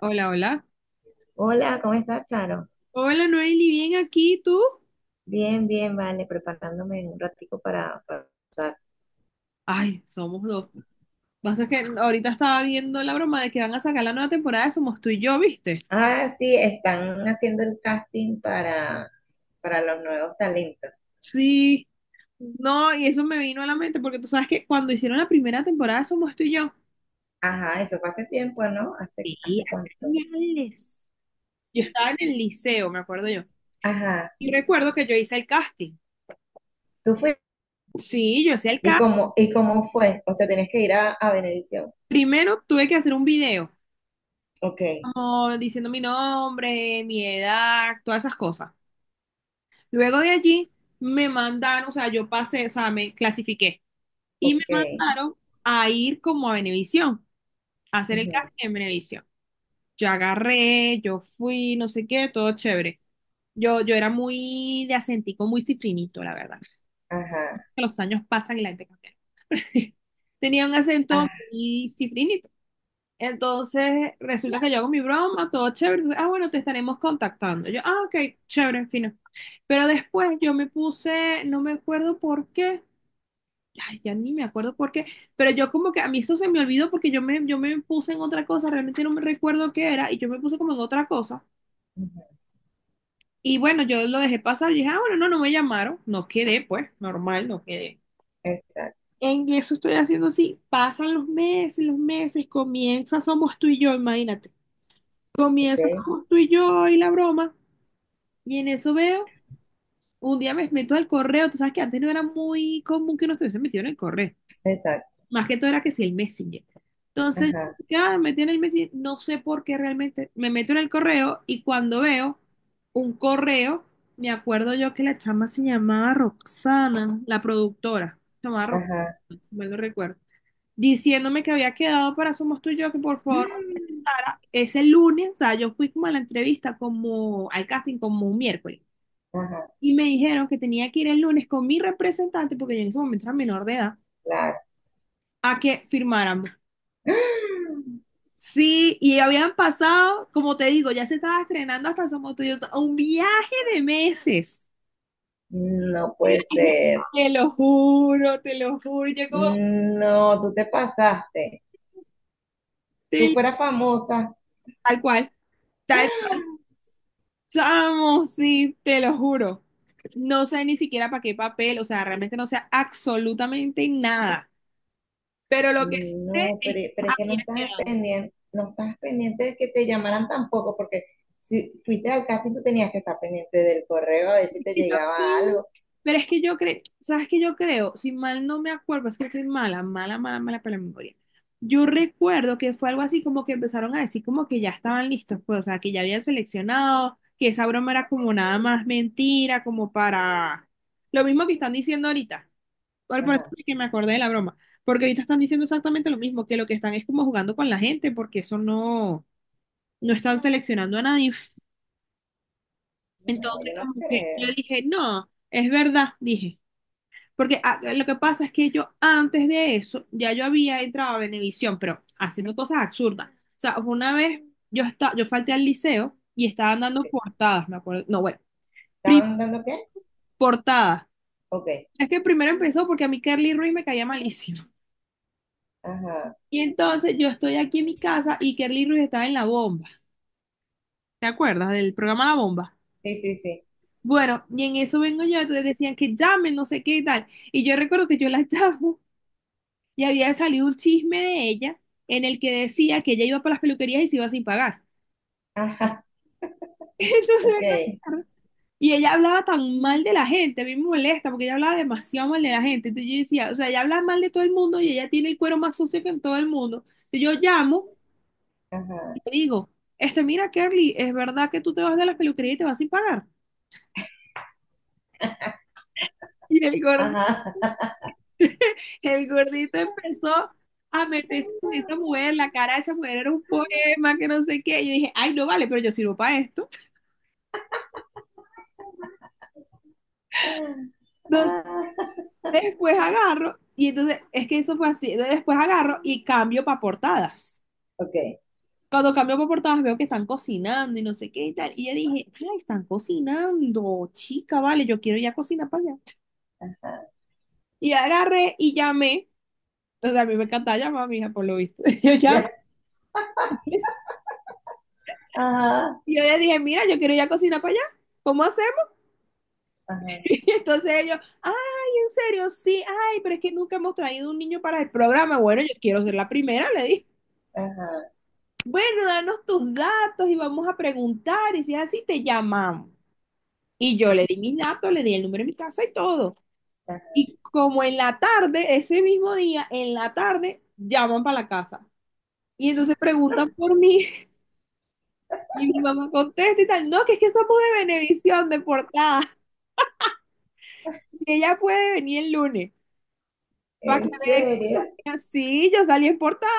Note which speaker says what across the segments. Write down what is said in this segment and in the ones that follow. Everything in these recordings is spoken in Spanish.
Speaker 1: Hola, hola.
Speaker 2: Hola, ¿cómo estás, Charo?
Speaker 1: Hola Noeli, bien aquí, ¿tú?
Speaker 2: Bien, bien, vale, preparándome un ratico para usar.
Speaker 1: Ay, somos dos. Pasa que ahorita estaba viendo la broma de que van a sacar la nueva temporada de Somos Tú y Yo, ¿viste?
Speaker 2: Ah, sí, están haciendo el casting para los nuevos talentos.
Speaker 1: Sí. No, y eso me vino a la mente porque tú sabes que cuando hicieron la primera temporada de Somos Tú y Yo,
Speaker 2: Ajá, eso fue hace tiempo, ¿no? ¿Hace,
Speaker 1: sí,
Speaker 2: hace
Speaker 1: hace
Speaker 2: cuánto?
Speaker 1: años, yo
Speaker 2: Sí, sí.
Speaker 1: estaba en el liceo, me acuerdo yo.
Speaker 2: Ajá,
Speaker 1: Y recuerdo que yo hice el casting.
Speaker 2: tú fuiste.
Speaker 1: Sí, yo hacía el
Speaker 2: ¿Y
Speaker 1: casting.
Speaker 2: cómo, y cómo fue? O sea, tienes que ir a Benedicción.
Speaker 1: Primero tuve que hacer un video,
Speaker 2: Ok,
Speaker 1: como diciendo mi nombre, mi edad, todas esas cosas. Luego de allí me mandaron, o sea, yo pasé, o sea, me clasifiqué y me
Speaker 2: ok.
Speaker 1: mandaron a ir como a Venevisión, a hacer el
Speaker 2: Ujú.
Speaker 1: casting en Venevisión. Yo agarré, yo fui, no sé qué, todo chévere. Yo era muy de acentico, muy cifrinito, la verdad.
Speaker 2: Ajá,
Speaker 1: Que los años pasan y la gente cambia. Tenía un acento
Speaker 2: ajá,
Speaker 1: muy cifrinito. Entonces, resulta que yo hago mi broma, todo chévere. Entonces, ah, bueno, te estaremos contactando. Yo, ah, ok, chévere, fino. Pero después yo me puse, no me acuerdo por qué, ay, ya ni me acuerdo por qué, pero yo como que a mí eso se me olvidó porque yo me puse en otra cosa, realmente no me recuerdo qué era, y yo me puse como en otra cosa.
Speaker 2: ujú,
Speaker 1: Y bueno, yo lo dejé pasar y dije, ah, bueno, no, no me llamaron, no quedé, pues, normal, no quedé.
Speaker 2: exacto,
Speaker 1: En eso estoy haciendo así, pasan los meses, comienza Somos Tú y Yo, imagínate. Comienza
Speaker 2: ok,
Speaker 1: Somos Tú y Yo y la broma, y en eso veo, un día me meto al correo, tú sabes que antes no era muy común que nos estuviesen metido en el correo.
Speaker 2: exacto.
Speaker 1: Más que todo era que si el Messenger. Entonces,
Speaker 2: Ajá,
Speaker 1: ya me tiene el Messenger, no sé por qué realmente. Me meto en el correo y cuando veo un correo, me acuerdo yo que la chama se llamaba Roxana, la productora, se llamaba Roxana,
Speaker 2: ajá.
Speaker 1: si mal no recuerdo, diciéndome que había quedado para Somos Tú y Yo, que por favor me
Speaker 2: Mm.
Speaker 1: presentara ese lunes, o sea, yo fui como a la entrevista, como al casting, como un miércoles.
Speaker 2: Ajá,
Speaker 1: Y me dijeron que tenía que ir el lunes con mi representante, porque yo en ese momento era menor de edad,
Speaker 2: claro.
Speaker 1: a que firmaran. Sí, y habían pasado, como te digo, ya se estaba estrenando hasta Somos Tuyos, un viaje de meses.
Speaker 2: No puede
Speaker 1: Dije,
Speaker 2: ser.
Speaker 1: te lo juro, te lo juro. Yo como,
Speaker 2: No, tú te pasaste. Tú
Speaker 1: te-
Speaker 2: fueras famosa.
Speaker 1: tal cual, tal, chamo, sí, te lo juro. No sé ni siquiera para qué papel, o sea, realmente no sé absolutamente nada. Pero lo que sí sé
Speaker 2: No,
Speaker 1: es
Speaker 2: pero,
Speaker 1: que
Speaker 2: es que
Speaker 1: había
Speaker 2: no estás
Speaker 1: quedado.
Speaker 2: pendiente, no estás pendiente de que te llamaran tampoco, porque si fuiste al casting, tú tenías que estar pendiente del correo a ver si te
Speaker 1: Que yo
Speaker 2: llegaba
Speaker 1: sí.
Speaker 2: algo.
Speaker 1: Pero es que yo creo, ¿sabes que yo creo? Si mal no me acuerdo, es que estoy mala, mala, mala, mala para la memoria. Yo recuerdo que fue algo así como que empezaron a decir como que ya estaban listos, pues, o sea, que ya habían seleccionado, que esa broma era como nada más mentira, como para lo mismo que están diciendo ahorita. Por eso
Speaker 2: Ajá.
Speaker 1: es que me acordé de la broma, porque ahorita están diciendo exactamente lo mismo, que lo que están es como jugando con la gente, porque eso no, no están seleccionando a nadie.
Speaker 2: No,
Speaker 1: Entonces,
Speaker 2: yo no
Speaker 1: como que yo
Speaker 2: creo.
Speaker 1: dije, no, es verdad, dije. Porque ah, lo que pasa es que yo antes de eso, ya yo había entrado a Venevisión, pero haciendo cosas absurdas. O sea, fue una vez yo, yo falté al liceo y estaban dando
Speaker 2: Ok.
Speaker 1: portadas, me acuerdo. No, bueno, pri-
Speaker 2: ¿Estaban dando qué?
Speaker 1: portadas.
Speaker 2: Ok.
Speaker 1: Es que primero empezó porque a mí Kerly Ruiz me caía malísimo.
Speaker 2: Ajá.
Speaker 1: Y entonces yo estoy aquí en mi casa y Kerly Ruiz estaba en La Bomba. ¿Te acuerdas del programa La Bomba?
Speaker 2: Sí, sí, sí.
Speaker 1: Bueno, y en eso vengo yo, entonces decían que llamen, no sé qué y tal. Y yo recuerdo que yo la llamo y había salido un chisme de ella en el que decía que ella iba para las peluquerías y se iba sin pagar.
Speaker 2: Ajá.
Speaker 1: Entonces,
Speaker 2: Ok.
Speaker 1: vengo a- y ella hablaba tan mal de la gente, a mí me molesta porque ella hablaba demasiado mal de la gente. Entonces yo decía, o sea, ella habla mal de todo el mundo y ella tiene el cuero más sucio que en todo el mundo. Y yo llamo y
Speaker 2: Ajá.
Speaker 1: le digo, este, mira, Kerly, ¿es verdad que tú te vas de las peluquerías y te vas sin pagar? Y
Speaker 2: Ajá.
Speaker 1: el gordito empezó a
Speaker 2: Está
Speaker 1: meterse con esa
Speaker 2: loca.
Speaker 1: mujer, la cara de esa mujer era un poema, que no sé qué. Y yo dije, ay, no vale, pero yo sirvo para esto.
Speaker 2: Ah,
Speaker 1: No,
Speaker 2: ah.
Speaker 1: después agarro, y entonces es que eso fue así. Entonces, después agarro y cambio para portadas.
Speaker 2: Ok.
Speaker 1: Cuando cambio para portadas veo que están cocinando y no sé qué y tal. Y yo dije, ay, están cocinando, chica, vale, yo quiero ya cocinar para allá. Y agarré y llamé. Entonces a mí me encanta llamar, mija, por lo visto. Yo llamo
Speaker 2: Ya. Ajá.
Speaker 1: y yo le dije, mira, yo quiero ya cocinar para allá. ¿Cómo hacemos?
Speaker 2: Ajá,
Speaker 1: Y entonces ellos, ay, en serio, sí, ay, pero es que nunca hemos traído un niño para el programa. Bueno, yo quiero ser la primera, le dije.
Speaker 2: ajá,
Speaker 1: Bueno, danos tus datos y vamos a preguntar. Y si es así, te llamamos. Y yo le di mis datos, le di el número de mi casa y todo.
Speaker 2: ajá.
Speaker 1: Y como en la tarde, ese mismo día, en la tarde, llaman para la casa. Y entonces preguntan por mí. Y mi mamá contesta y tal. No, que es que somos de Benevisión, de Portada. Y ella puede venir el lunes. Para que
Speaker 2: ¿En
Speaker 1: vean
Speaker 2: serio?
Speaker 1: que así yo salí en Portada.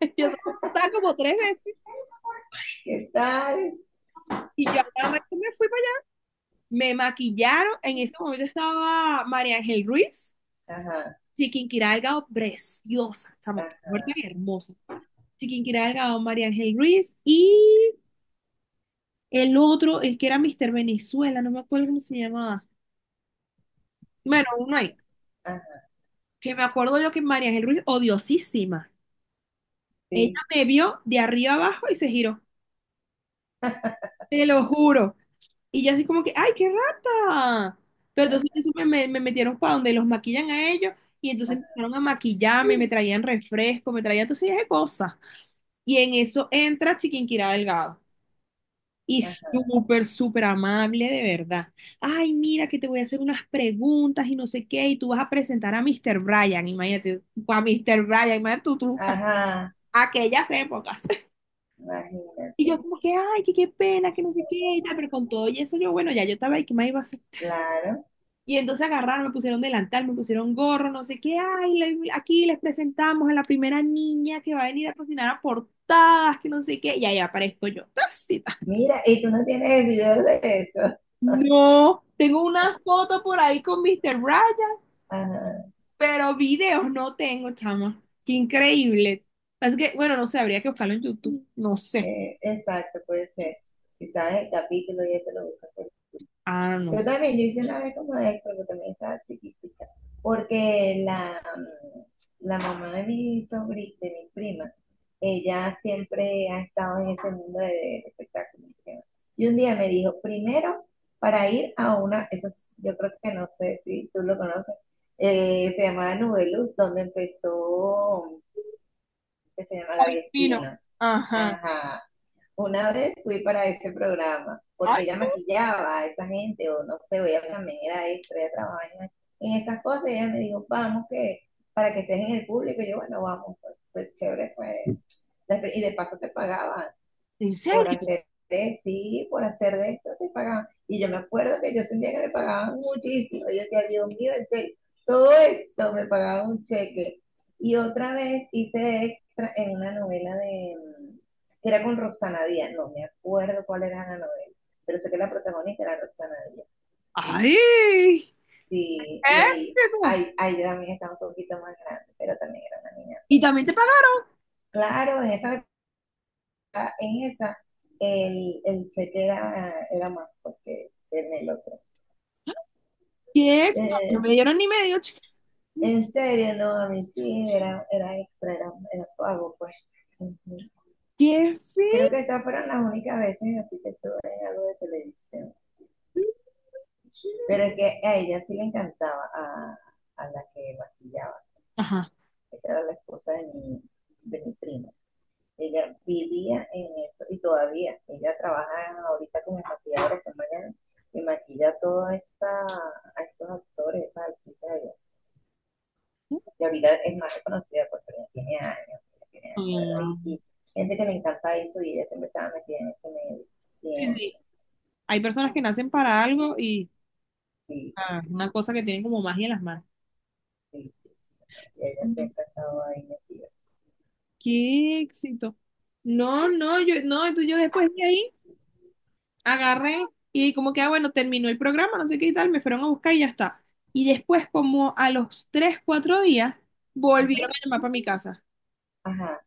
Speaker 1: Yo salí en Portada como tres veces.
Speaker 2: ¿Qué tal?
Speaker 1: Y yo agarré y me fui para allá. Me maquillaron. En ese momento estaba María Ángel Ruiz.
Speaker 2: Ajá,
Speaker 1: Chiquinquirá Delgado, preciosa, chamo, qué
Speaker 2: ajá,
Speaker 1: mujer tan hermosa. Chiquinquirá Delgado, María Ángel Ruiz y el otro, el que era Mr. Venezuela, no me acuerdo cómo se llamaba. Bueno, uno ahí,
Speaker 2: ajá,
Speaker 1: que me acuerdo yo que María Ángel Ruiz, odiosísima,
Speaker 2: sí,
Speaker 1: me vio de arriba abajo y se giró, te lo juro. Y yo así como que, ¡ay, qué rata! Pero entonces eso me, me metieron para donde los maquillan a ellos y entonces empezaron a maquillarme, me traían refresco, me traían todo ese de cosas. Y en eso entra Chiquinquirá Delgado. Y
Speaker 2: ajá,
Speaker 1: súper, súper amable, de verdad. Ay, mira que te voy a hacer unas preguntas y no sé qué, y tú vas a presentar a Mr. Bryan, imagínate, a Mr. Bryan, imagínate tú,
Speaker 2: ajá,
Speaker 1: aquellas épocas. Y
Speaker 2: imagínate.
Speaker 1: yo como que, ay, que qué pena, que no sé qué, y tal, pero con todo y eso yo, bueno, ya yo estaba ahí, ¿qué más iba a hacer?
Speaker 2: Claro.
Speaker 1: Y entonces agarraron, me pusieron delantal, me pusieron gorro, no sé qué, ay, aquí les presentamos a la primera niña que va a venir a cocinar a portadas, que no sé qué, y ahí aparezco yo.
Speaker 2: Mira, ¿y tú no tienes el video de eso?
Speaker 1: No, tengo una foto por ahí con Mr. Ryan,
Speaker 2: Ajá,
Speaker 1: pero videos no tengo, chama. Qué increíble. Es que, bueno, no sé, habría que buscarlo en YouTube. No sé.
Speaker 2: exacto, puede ser. Si sabes el capítulo y eso lo buscas.
Speaker 1: Ah, no
Speaker 2: Yo
Speaker 1: sé.
Speaker 2: también, yo hice una vez como de esto, pero también estaba chiquitita, porque la, la mamá de mi sobrina, de mi prima, ella siempre ha estado en ese mundo de espectáculos, ¿no? Y un día me dijo, primero, para ir a una, yo creo que no sé si tú lo conoces, se llamaba Nubeluz, donde empezó, que se llama Gaby
Speaker 1: Ay, fino.
Speaker 2: Espino.
Speaker 1: Ajá.
Speaker 2: Ajá. Una vez fui para ese programa, porque
Speaker 1: Ay,
Speaker 2: ella maquillaba a esa gente, o no sé, ella también era extra, ella trabajaba en esas cosas, y ella me dijo, vamos, que para que estés en el público, y yo, bueno, vamos, pues, pues chévere, pues, y de paso te pagaba
Speaker 1: ¿en
Speaker 2: por
Speaker 1: serio?
Speaker 2: hacer de, sí, por hacer de esto te pagaban. Y yo me acuerdo que yo sentía que me pagaban muchísimo. Yo decía, Dios mío, en serio, todo esto me pagaba un cheque. Y otra vez hice de extra en una novela de, que era con Roxana Díaz, no me acuerdo cuál era la novela, pero sé que la protagonista era Roxana Díaz.
Speaker 1: Ay,
Speaker 2: Sí, y ahí,
Speaker 1: épico.
Speaker 2: ahí también estaba un poquito más grande, pero también era una niña,
Speaker 1: ¿Y
Speaker 2: pues.
Speaker 1: también te pagaron?
Speaker 2: Claro, en esa, el cheque era, era más fuerte que en el otro.
Speaker 1: ¿Qué? Épico. No
Speaker 2: Eh,
Speaker 1: me dieron ni medio, chica.
Speaker 2: en serio, no, a mí sí, era, era extra, era, era pago, pues. Ujú.
Speaker 1: ¿Qué
Speaker 2: Creo
Speaker 1: feo?
Speaker 2: que esas fueron las únicas veces así que estuve en algo de televisión. Pero es que a ella sí le encantaba, a la que maquillaba.
Speaker 1: Ajá.
Speaker 2: Esa era la esposa de mi primo. Ella vivía en eso y todavía ella trabaja ahorita como maquilladora que mañana y maquilla todos esta, a estos actores, esas actrices allá. Y ahorita es más reconocida porque ya tiene años, ¿verdad?
Speaker 1: Ah,
Speaker 2: Y gente que le encanta eso y ella siempre estaba metida en ese medio.
Speaker 1: sí,
Speaker 2: Siempre,
Speaker 1: sí. Hay personas que nacen para algo y
Speaker 2: sí,
Speaker 1: ah,
Speaker 2: sí,
Speaker 1: una cosa que tienen como magia en las manos.
Speaker 2: sí, sí, sí. Y ella siempre ha estado ahí metida.
Speaker 1: Qué éxito. No, no, yo, no, entonces yo después de ahí agarré y como que, ah, bueno, terminó el programa, no sé qué y tal, me fueron a buscar y ya está. Y después, como a los tres, cuatro días, volvieron
Speaker 2: Ajá,
Speaker 1: a llamar para mi casa.
Speaker 2: ajá.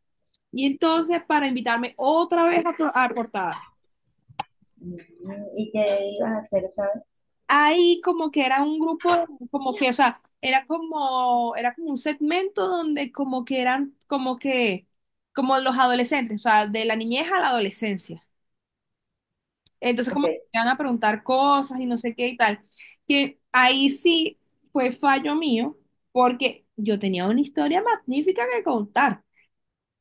Speaker 1: Y entonces, para invitarme otra vez a, a cortada.
Speaker 2: Mm. ¿Y qué ibas a hacer, sabes?
Speaker 1: Ahí como que era un grupo, como que, o sea, era como un segmento donde como que eran, como que, como los adolescentes, o sea, de la niñez a la adolescencia. Entonces,
Speaker 2: Ok,
Speaker 1: como que me van a preguntar cosas y no sé qué y tal. Que ahí sí fue fallo mío, porque yo tenía una historia magnífica que contar.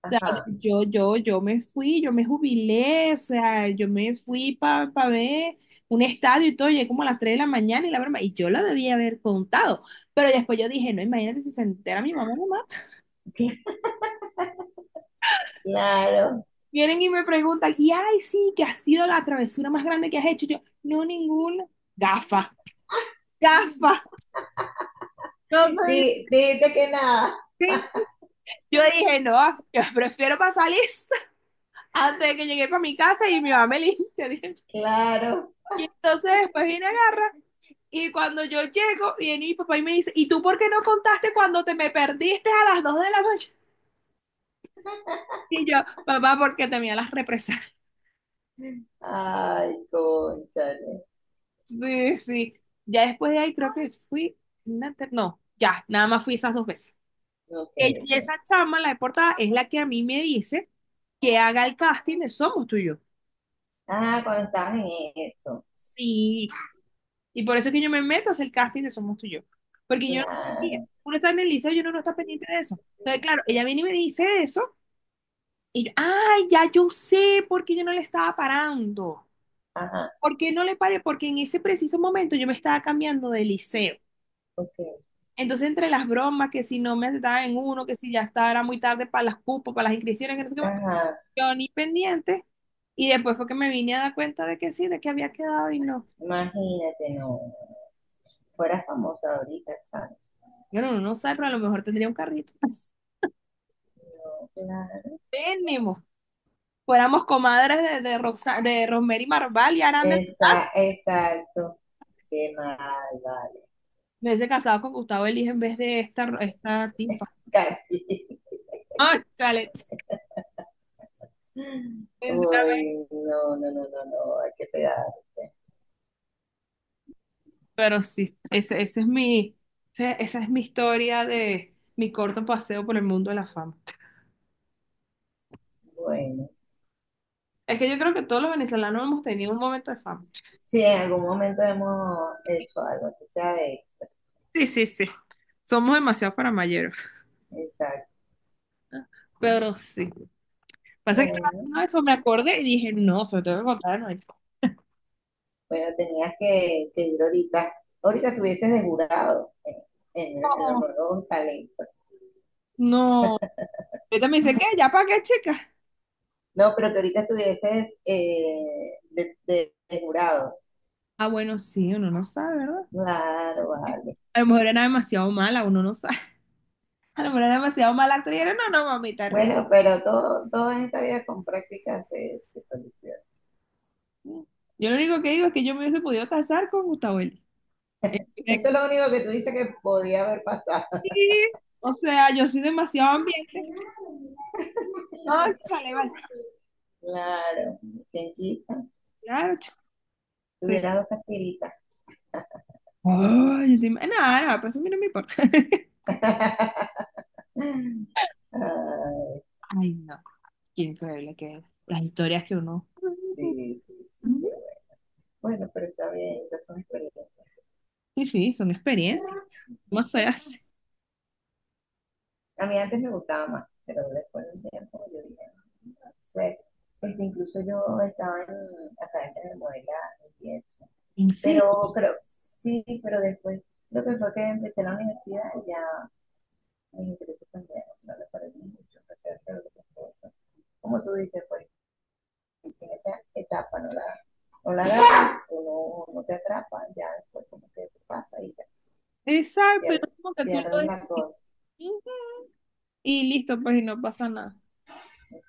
Speaker 2: ajá.
Speaker 1: Yo me fui, yo me jubilé, o sea, yo me fui para ver un estadio y todo, llegué como a las 3 de la mañana y la broma, y yo lo debía haber contado. Pero después yo dije, no, imagínate si se entera mi mamá, mamá.
Speaker 2: Claro.
Speaker 1: Vienen y me preguntan, y ay, sí, ¿qué ha sido la travesura más grande que has hecho? Yo, no, ninguna. Gafa, gafa. No te
Speaker 2: Dijiste que nada.
Speaker 1: Sí. Yo dije, no, yo prefiero pasar lista antes de que llegue para mi casa y mi mamá me limpia, dije.
Speaker 2: Claro.
Speaker 1: Y entonces después viene agarra y cuando yo llego, viene mi papá y me dice, ¿y tú por qué no contaste cuando te me perdiste a las 2 de la mañana? Y yo, papá, porque temía las represalias.
Speaker 2: Ay, cónchale.
Speaker 1: Sí, sí. Ya después de ahí creo que fui, no, ya, nada más fui esas dos veces.
Speaker 2: Ok,
Speaker 1: Y esa
Speaker 2: ok.
Speaker 1: chama, la de portada, es la que a mí me dice que haga el casting de Somos Tú y Yo.
Speaker 2: Ah, cuando estabas en eso.
Speaker 1: Sí, y por eso es que yo me meto a hacer el casting de Somos Tú y Yo. Porque yo no sabía.
Speaker 2: Claro.
Speaker 1: Uno está en el liceo y uno no está pendiente de eso. Entonces, claro, ella viene y me dice eso. Y yo, ay, ya yo sé por qué yo no le estaba parando.
Speaker 2: Ajá,
Speaker 1: ¿Por qué no le paré? Porque en ese preciso momento yo me estaba cambiando de liceo.
Speaker 2: ok.
Speaker 1: Entonces, entre las bromas, que si no me aceptaban en uno, que si ya estaba era muy tarde para las cupos, para las inscripciones, que no sé qué más,
Speaker 2: Ajá.
Speaker 1: yo ni pendiente. Y después fue que me vine a dar cuenta de que sí, de que había quedado y no.
Speaker 2: Imagínate, no. Fueras famosa ahorita, chale.
Speaker 1: Bueno, uno no sabe, pero a lo mejor tendría un carrito.
Speaker 2: No, claro.
Speaker 1: Tenemos. Fuéramos comadres de, de Rosemary Marval y Aranda,
Speaker 2: Esa, exacto. Qué mal, vale.
Speaker 1: me hubiese casado con Gustavo Elige en vez de esta tipa.
Speaker 2: Casi.
Speaker 1: Ah, chale, chale,
Speaker 2: Uy, no, no, no, no, no. Hay que pegarse.
Speaker 1: pero sí, ese es mi, esa es mi historia de mi corto paseo por el mundo de la fama.
Speaker 2: Bueno.
Speaker 1: Es que yo creo que todos los venezolanos hemos tenido un momento de fama.
Speaker 2: Sí, en algún momento hemos hecho algo, así sea de extra.
Speaker 1: Sí, sí, sí. Somos demasiado faramayeros.
Speaker 2: Exacto.
Speaker 1: Pero sí. Pasa que estaba
Speaker 2: Bueno.
Speaker 1: haciendo eso, me acordé y dije, no, se lo tengo que contar. No,
Speaker 2: Bueno, tenías que ir ahorita. Ahorita estuvieses de jurado en, en los
Speaker 1: no.
Speaker 2: nuevos talentos.
Speaker 1: No. Ahorita me dice, ¿qué? ¿Ya para qué, chica?
Speaker 2: No, pero que ahorita estuvieses de, de jurado.
Speaker 1: Ah, bueno, sí, uno no sabe, ¿verdad?
Speaker 2: Claro, vale.
Speaker 1: A lo mejor era demasiado mala, uno no sabe. A lo mejor era demasiado mala actriz, y era, no, no, mamita, regala.
Speaker 2: Bueno, pero todo, todo en esta vida con práctica se, se soluciona.
Speaker 1: Yo lo único que digo es que yo me hubiese podido casar con Gustavo Eli.
Speaker 2: Eso es lo único que tú dices que podía haber pasado.
Speaker 1: Sí, o sea, yo soy demasiado ambiente. Ay, vale, vale.
Speaker 2: Claro, ¿quién quita?
Speaker 1: Claro, chico. Sí.
Speaker 2: Tuviera dos castiritas.
Speaker 1: Ay, nada, nada, pero eso a mí no me importa.
Speaker 2: Ay,
Speaker 1: Ay, no. Qué increíble que es. Las historias que uno.
Speaker 2: sí, sí, sí, qué bueno. Bueno, pero está bien, esas son experiencias.
Speaker 1: Sí, sí, son experiencias. ¿Cómo se hace?
Speaker 2: A mí antes me gustaba más, pero después de un tiempo yo dije, no sé. Este, incluso yo estaba en acá en el modelaje y eso.
Speaker 1: En serio.
Speaker 2: Pero creo, sí, pero después lo que fue que empecé la universidad ya mis intereses cambiaron, no me parecen mucho, empecé a hacer otras cosas. Como tú dices, pues en esa etapa no la agarras, o no, no te atrapa, ya después como que te pasa y ya
Speaker 1: Exacto, es
Speaker 2: pierdes,
Speaker 1: como que tú lo
Speaker 2: pierdes la
Speaker 1: decides.
Speaker 2: cosa.
Speaker 1: Ujú. Y listo, pues, y no pasa nada.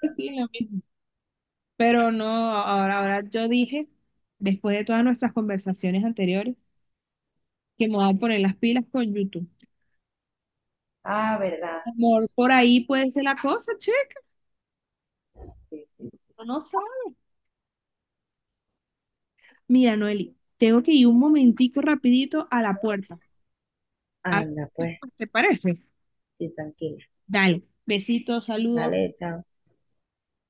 Speaker 1: Sí, sí, lo mismo. Pero no, ahora yo dije, después de todas nuestras conversaciones anteriores, que me voy a poner las pilas con YouTube.
Speaker 2: Ah, ¿verdad?
Speaker 1: Amor, por ahí puede ser la cosa, check.
Speaker 2: Sí, sí.
Speaker 1: Uno no sabe. Mira, Noeli, tengo que ir un momentico rapidito a la puerta. A-
Speaker 2: Anda, pues.
Speaker 1: ¿Te parece?
Speaker 2: Sí, tranquila.
Speaker 1: Dale. Besitos, saludos.
Speaker 2: Vale, chao.